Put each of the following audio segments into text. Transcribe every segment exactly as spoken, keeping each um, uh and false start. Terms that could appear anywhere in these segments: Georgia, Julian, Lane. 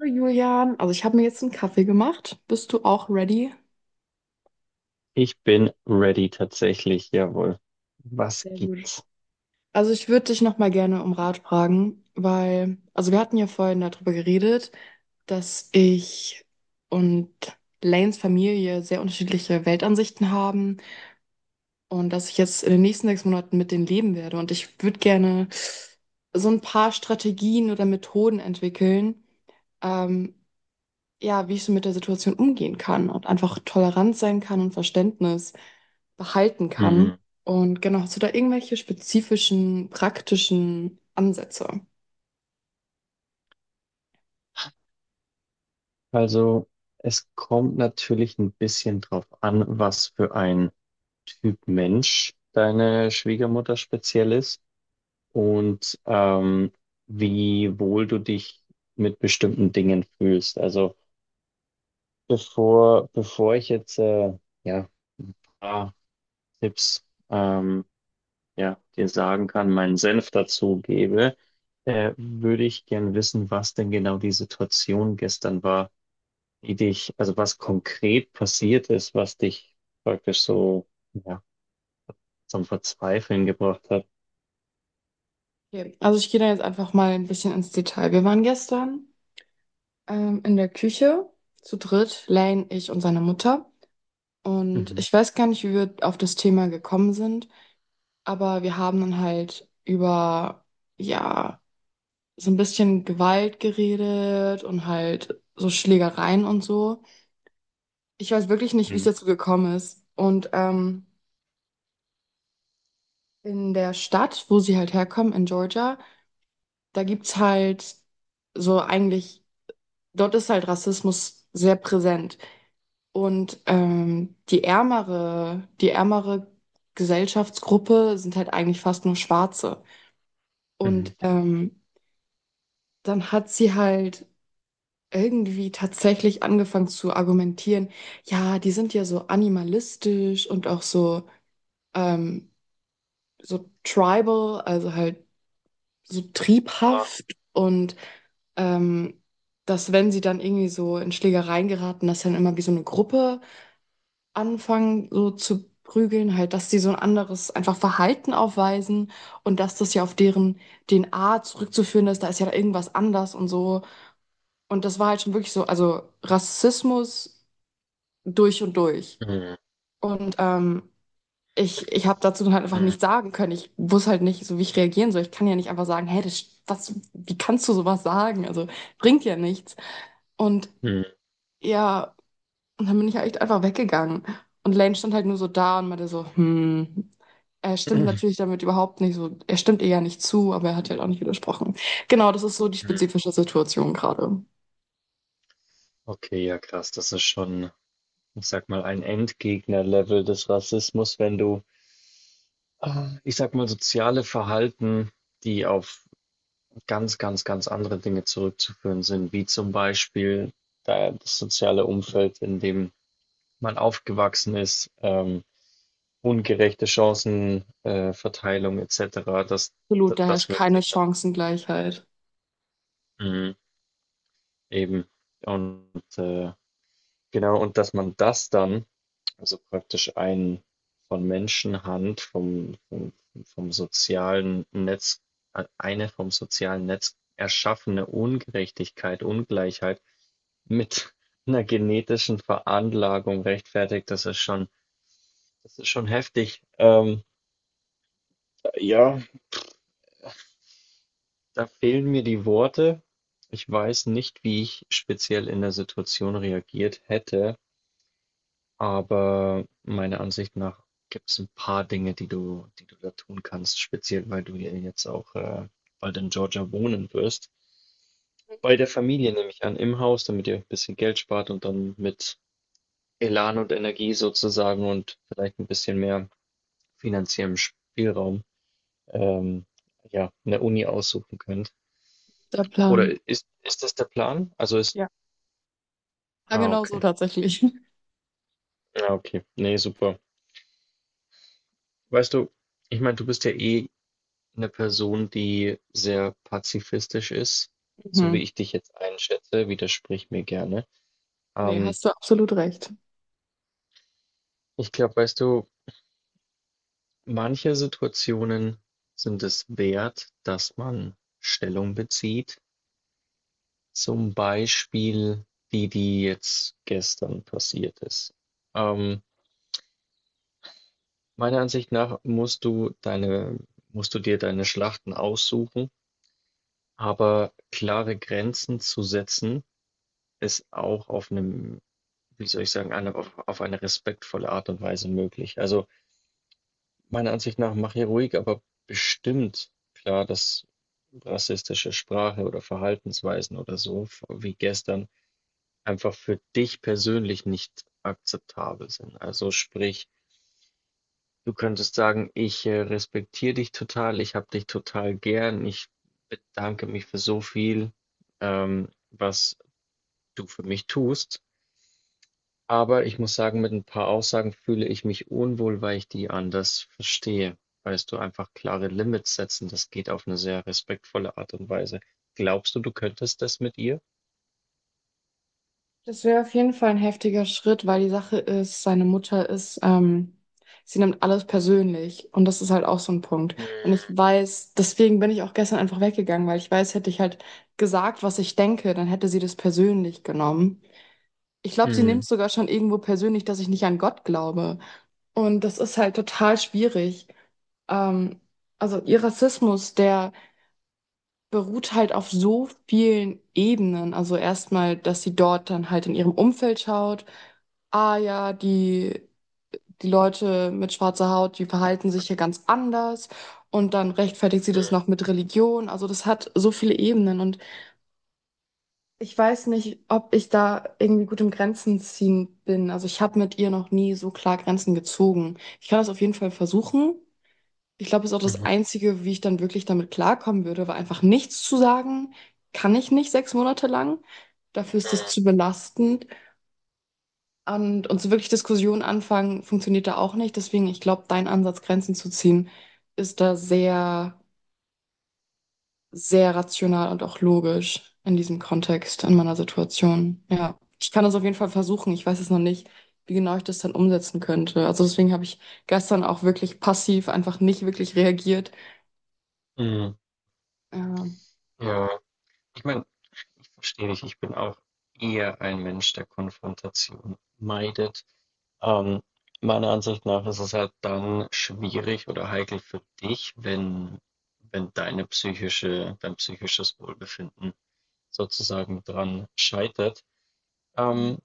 Hallo Julian, also ich habe mir jetzt einen Kaffee gemacht. Bist du auch ready? Ich bin ready tatsächlich, jawohl. Was Sehr gut. gibt's? Also ich würde dich nochmal gerne um Rat fragen, weil, also wir hatten ja vorhin darüber geredet, dass ich und Lanes Familie sehr unterschiedliche Weltansichten haben und dass ich jetzt in den nächsten sechs Monaten mit denen leben werde. Und ich würde gerne so ein paar Strategien oder Methoden entwickeln, ähm, ja, wie ich so mit der Situation umgehen kann und einfach tolerant sein kann und Verständnis behalten kann. Mhm. Und genau, hast du da irgendwelche spezifischen, praktischen Ansätze? Also, es kommt natürlich ein bisschen drauf an, was für ein Typ Mensch deine Schwiegermutter speziell ist und ähm, wie wohl du dich mit bestimmten Dingen fühlst. Also, bevor, bevor ich jetzt äh, ja, ein paar Tipps ähm, ja, dir sagen kann, meinen Senf dazu gebe, äh, würde ich gern wissen, was denn genau die Situation gestern war, die dich, also was konkret passiert ist, was dich praktisch so, ja, zum Verzweifeln gebracht hat. Okay. Also ich gehe da jetzt einfach mal ein bisschen ins Detail. Wir waren gestern ähm, in der Küche zu dritt, Lane, ich und seine Mutter. Und Mhm. ich weiß gar nicht, wie wir auf das Thema gekommen sind, aber wir haben dann halt über, ja, so ein bisschen Gewalt geredet und halt so Schlägereien und so. Ich weiß wirklich nicht, wie es Mhm. dazu gekommen ist. Und ähm, in der Stadt, wo sie halt herkommen, in Georgia, da gibt's halt so eigentlich, dort ist halt Rassismus sehr präsent. Und ähm, die ärmere, die ärmere Gesellschaftsgruppe sind halt eigentlich fast nur Schwarze. Mhm. Und ähm, dann hat sie halt irgendwie tatsächlich angefangen zu argumentieren, ja, die sind ja so animalistisch und auch so, ähm, so tribal, also halt so Ah. triebhaft und ähm, dass wenn sie dann irgendwie so in Schlägereien geraten, dass sie dann immer wie so eine Gruppe anfangen, so zu prügeln, halt, dass sie so ein anderes einfach Verhalten aufweisen und dass das ja auf deren D N A zurückzuführen ist, da ist ja da irgendwas anders und so. Und das war halt schon wirklich so, also Rassismus durch und durch. Mhm. Und ähm, ich, ich habe dazu halt einfach Mhm. nichts sagen können. Ich wusste halt nicht, so wie ich reagieren soll. Ich kann ja nicht einfach sagen, hey, das, was, wie kannst du sowas sagen? Also bringt ja nichts. Und Mhm. ja, und dann bin ich halt einfach weggegangen. Und Lane stand halt nur so da und meinte so, hm, er stimmt Mhm. natürlich damit überhaupt nicht so, er stimmt ihr ja nicht zu, aber er hat ja halt auch nicht widersprochen. Genau, das ist so die Mhm. spezifische Situation gerade. Okay, ja krass, das ist schon, ich sag mal, ein Endgegner-Level des Rassismus, wenn du, ah, ich sag mal, soziale Verhalten, die auf ganz, ganz, ganz andere Dinge zurückzuführen sind, wie zum Beispiel da das soziale Umfeld, in dem man aufgewachsen ist, ähm, ungerechte Chancenverteilung äh, Verteilung et cetera. Das, das, Absolut, da herrscht das wirkt keine sich dann Chancengleichheit. mhm. eben und äh, genau und dass man das dann also praktisch ein von Menschenhand vom, vom, vom sozialen Netz äh, eine vom sozialen Netz erschaffene Ungerechtigkeit, Ungleichheit mit einer genetischen Veranlagung rechtfertigt, das ist schon, das ist schon heftig. Ähm, ja, da fehlen mir die Worte. Ich weiß nicht, wie ich speziell in der Situation reagiert hätte, aber meiner Ansicht nach gibt es ein paar Dinge, die du die du da tun kannst, speziell weil du ja jetzt auch, äh, bald in Georgia wohnen wirst. Bei der Familie nehme ich an, im Haus, damit ihr ein bisschen Geld spart und dann mit Elan und Energie sozusagen und vielleicht ein bisschen mehr finanziellen Spielraum, ähm, ja, 'ne Uni aussuchen könnt. Der Oder Plan. ist ist das der Plan? Also ist, Ja. Ja, ah, genau so okay. tatsächlich. Ja, okay. Ne, super. Weißt du, ich meine, du bist ja eh eine Person, die sehr pazifistisch ist, so wie Mhm. ich dich jetzt einschätze, widersprich mir gerne. Nee, Ähm, hast du absolut recht. ich glaube, weißt du, manche Situationen sind es wert, dass man Stellung bezieht. Zum Beispiel die, die jetzt gestern passiert ist. Ähm, meiner Ansicht nach musst du deine, musst du dir deine Schlachten aussuchen, aber klare Grenzen zu setzen ist auch auf einem, wie soll ich sagen, eine, auf, auf eine respektvolle Art und Weise möglich. Also meiner Ansicht nach mach hier ruhig, aber bestimmt klar, dass rassistische Sprache oder Verhaltensweisen oder so, wie gestern, einfach für dich persönlich nicht akzeptabel sind. Also sprich, du könntest sagen, ich äh, respektiere dich total, ich habe dich total gern, ich bedanke mich für so viel, ähm, was du für mich tust. Aber ich muss sagen, mit ein paar Aussagen fühle ich mich unwohl, weil ich die anders verstehe. Weißt du, einfach klare Limits setzen, das geht auf eine sehr respektvolle Art und Weise. Glaubst du, du könntest das mit ihr? Das wäre auf jeden Fall ein heftiger Schritt, weil die Sache ist, seine Mutter ist, ähm, sie nimmt alles persönlich und das ist halt auch so ein Punkt. Und ich Mm. weiß, deswegen bin ich auch gestern einfach weggegangen, weil ich weiß, hätte ich halt gesagt, was ich denke, dann hätte sie das persönlich genommen. Ich glaube, sie nimmt Mm. sogar schon irgendwo persönlich, dass ich nicht an Gott glaube. Und das ist halt total schwierig. Ähm, also ihr Rassismus, der beruht halt auf so vielen Ebenen. Also erstmal, dass sie dort dann halt in ihrem Umfeld schaut. Ah ja, die, die Leute mit schwarzer Haut, die verhalten sich hier ganz anders. Und dann rechtfertigt sie das noch mit Religion. Also das hat so viele Ebenen. Und ich weiß nicht, ob ich da irgendwie gut im Grenzen ziehen bin. Also ich habe mit ihr noch nie so klar Grenzen gezogen. Ich kann das auf jeden Fall versuchen. Ich glaube, das ist auch Mm. das Mhm. Einzige, wie ich dann wirklich damit klarkommen würde, war einfach nichts zu sagen, kann ich nicht sechs Monate lang. Dafür ist das zu belastend. Und, und so wirklich Diskussionen anfangen, funktioniert da auch nicht. Deswegen, ich glaube, dein Ansatz, Grenzen zu ziehen, ist da sehr, sehr rational und auch logisch in diesem Kontext, in meiner Situation. Ja, ich kann das auf jeden Fall versuchen. Ich weiß es noch nicht, wie genau ich das dann umsetzen könnte. Also deswegen habe ich gestern auch wirklich passiv einfach nicht wirklich reagiert. Mm. Mm. Ähm, Ja. Ich meine, ich verstehe dich. Ich bin auch eher ein Mensch, der Konfrontation meidet. Ähm, meiner Ansicht nach ist es halt dann schwierig oder heikel für dich, wenn, wenn deine psychische, dein psychisches Wohlbefinden sozusagen dran scheitert. Ähm,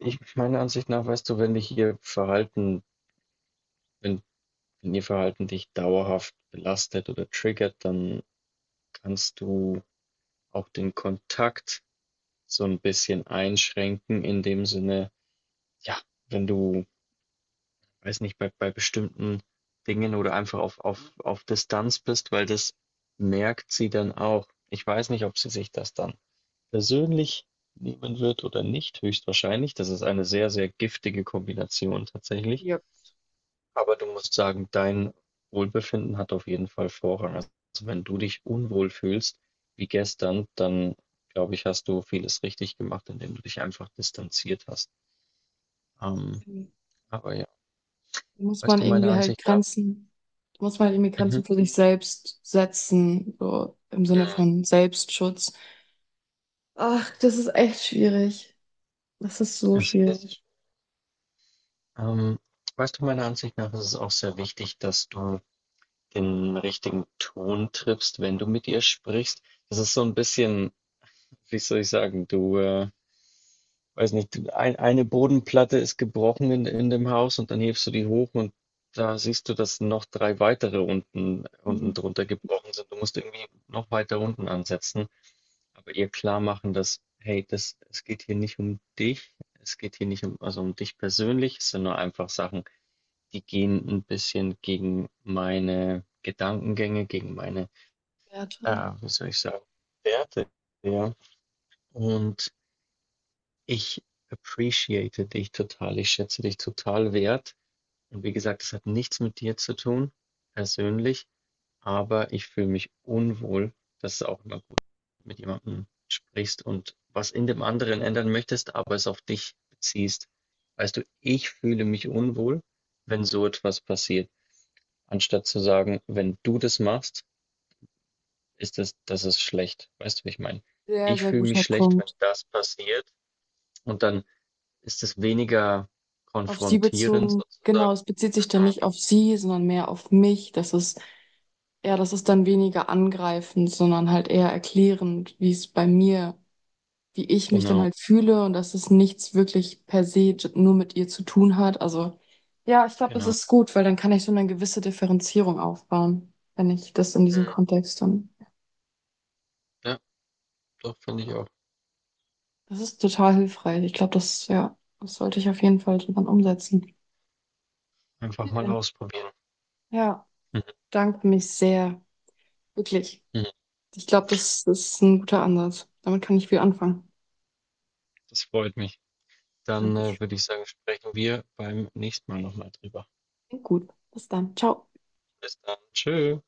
ich, meiner Ansicht nach, weißt du, wenn dich ihr Verhalten, wenn, wenn ihr Verhalten dich dauerhaft belastet oder triggert, dann kannst du auch den Kontakt so ein bisschen einschränken in dem Sinne, ja, wenn du, weiß nicht, bei bei bestimmten Dingen oder einfach auf auf auf Distanz bist, weil das merkt sie dann auch. Ich weiß nicht, ob sie sich das dann persönlich nehmen wird oder nicht, höchstwahrscheinlich. Das ist eine sehr, sehr giftige Kombination tatsächlich. Ja. Aber du musst sagen, dein Wohlbefinden hat auf jeden Fall Vorrang. Also wenn du dich unwohl fühlst, wie gestern, dann glaube ich, hast du vieles richtig gemacht, indem du dich einfach distanziert hast. Ähm, aber ja, Muss weißt man du, meiner irgendwie halt Ansicht nach, Grenzen, muss man halt irgendwie mhm, Grenzen für sich selbst setzen, so im Sinne mhm, von Selbstschutz. Ach, das ist echt schwierig. Das ist so es schwierig. ist, ähm, weißt du, meiner Ansicht nach ist es auch sehr wichtig, dass du den richtigen Ton triffst, wenn du mit ihr sprichst. Das ist so ein bisschen, wie soll ich sagen, du, äh, weiß nicht, ein, eine Bodenplatte ist gebrochen in, in dem Haus und dann hebst du die hoch und da siehst du, dass noch drei weitere unten, unten Mhm. drunter gebrochen sind. Du musst irgendwie noch weiter unten ansetzen, aber ihr klar machen, dass, hey, das, es geht hier nicht um dich, es geht hier nicht um, also um dich persönlich, es sind nur einfach Sachen, die gehen ein bisschen gegen meine Gedankengänge, gegen meine, Werte. ja, wie soll ich sagen, Werte, ja. Und ich appreciate dich total. Ich schätze dich total wert. Und wie gesagt, es hat nichts mit dir zu tun, persönlich, aber ich fühle mich unwohl. Das ist auch immer gut, wenn du mit jemandem sprichst und was in dem anderen ändern möchtest, aber es auf dich beziehst. Weißt du, ich fühle mich unwohl, wenn so etwas passiert, anstatt zu sagen, wenn du das machst, ist das, das ist schlecht. Weißt du, wie ich meine? Sehr, Ich sehr fühle mich guter schlecht, wenn Punkt. das passiert und dann ist es weniger Auf sie konfrontierend bezogen, genau, sozusagen? es bezieht sich dann Mhm. nicht auf sie, sondern mehr auf mich. Das ist, ja, das ist dann weniger angreifend, sondern halt eher erklärend, wie es bei mir wie ich mich dann Genau, halt fühle und dass es nichts wirklich per se j- nur mit ihr zu tun hat. Also ja, ich glaube, es genau. ist gut, weil dann kann ich so eine gewisse Differenzierung aufbauen, wenn ich das in diesem Mhm. Kontext dann. Ja, doch, finde ich auch. Das ist total hilfreich. Ich glaube, das, ja, das sollte ich auf jeden Fall dann umsetzen. Einfach mal Okay. ausprobieren. Ja, Mhm. danke mich sehr. Wirklich. Mhm. Ich glaube, das ist ein guter Ansatz. Damit kann ich viel anfangen. Das freut mich. Dann, Danke. äh, würde ich sagen, sprechen wir beim nächsten Mal nochmal drüber. Gut. Bis dann. Ciao. Bis dann. Tschö.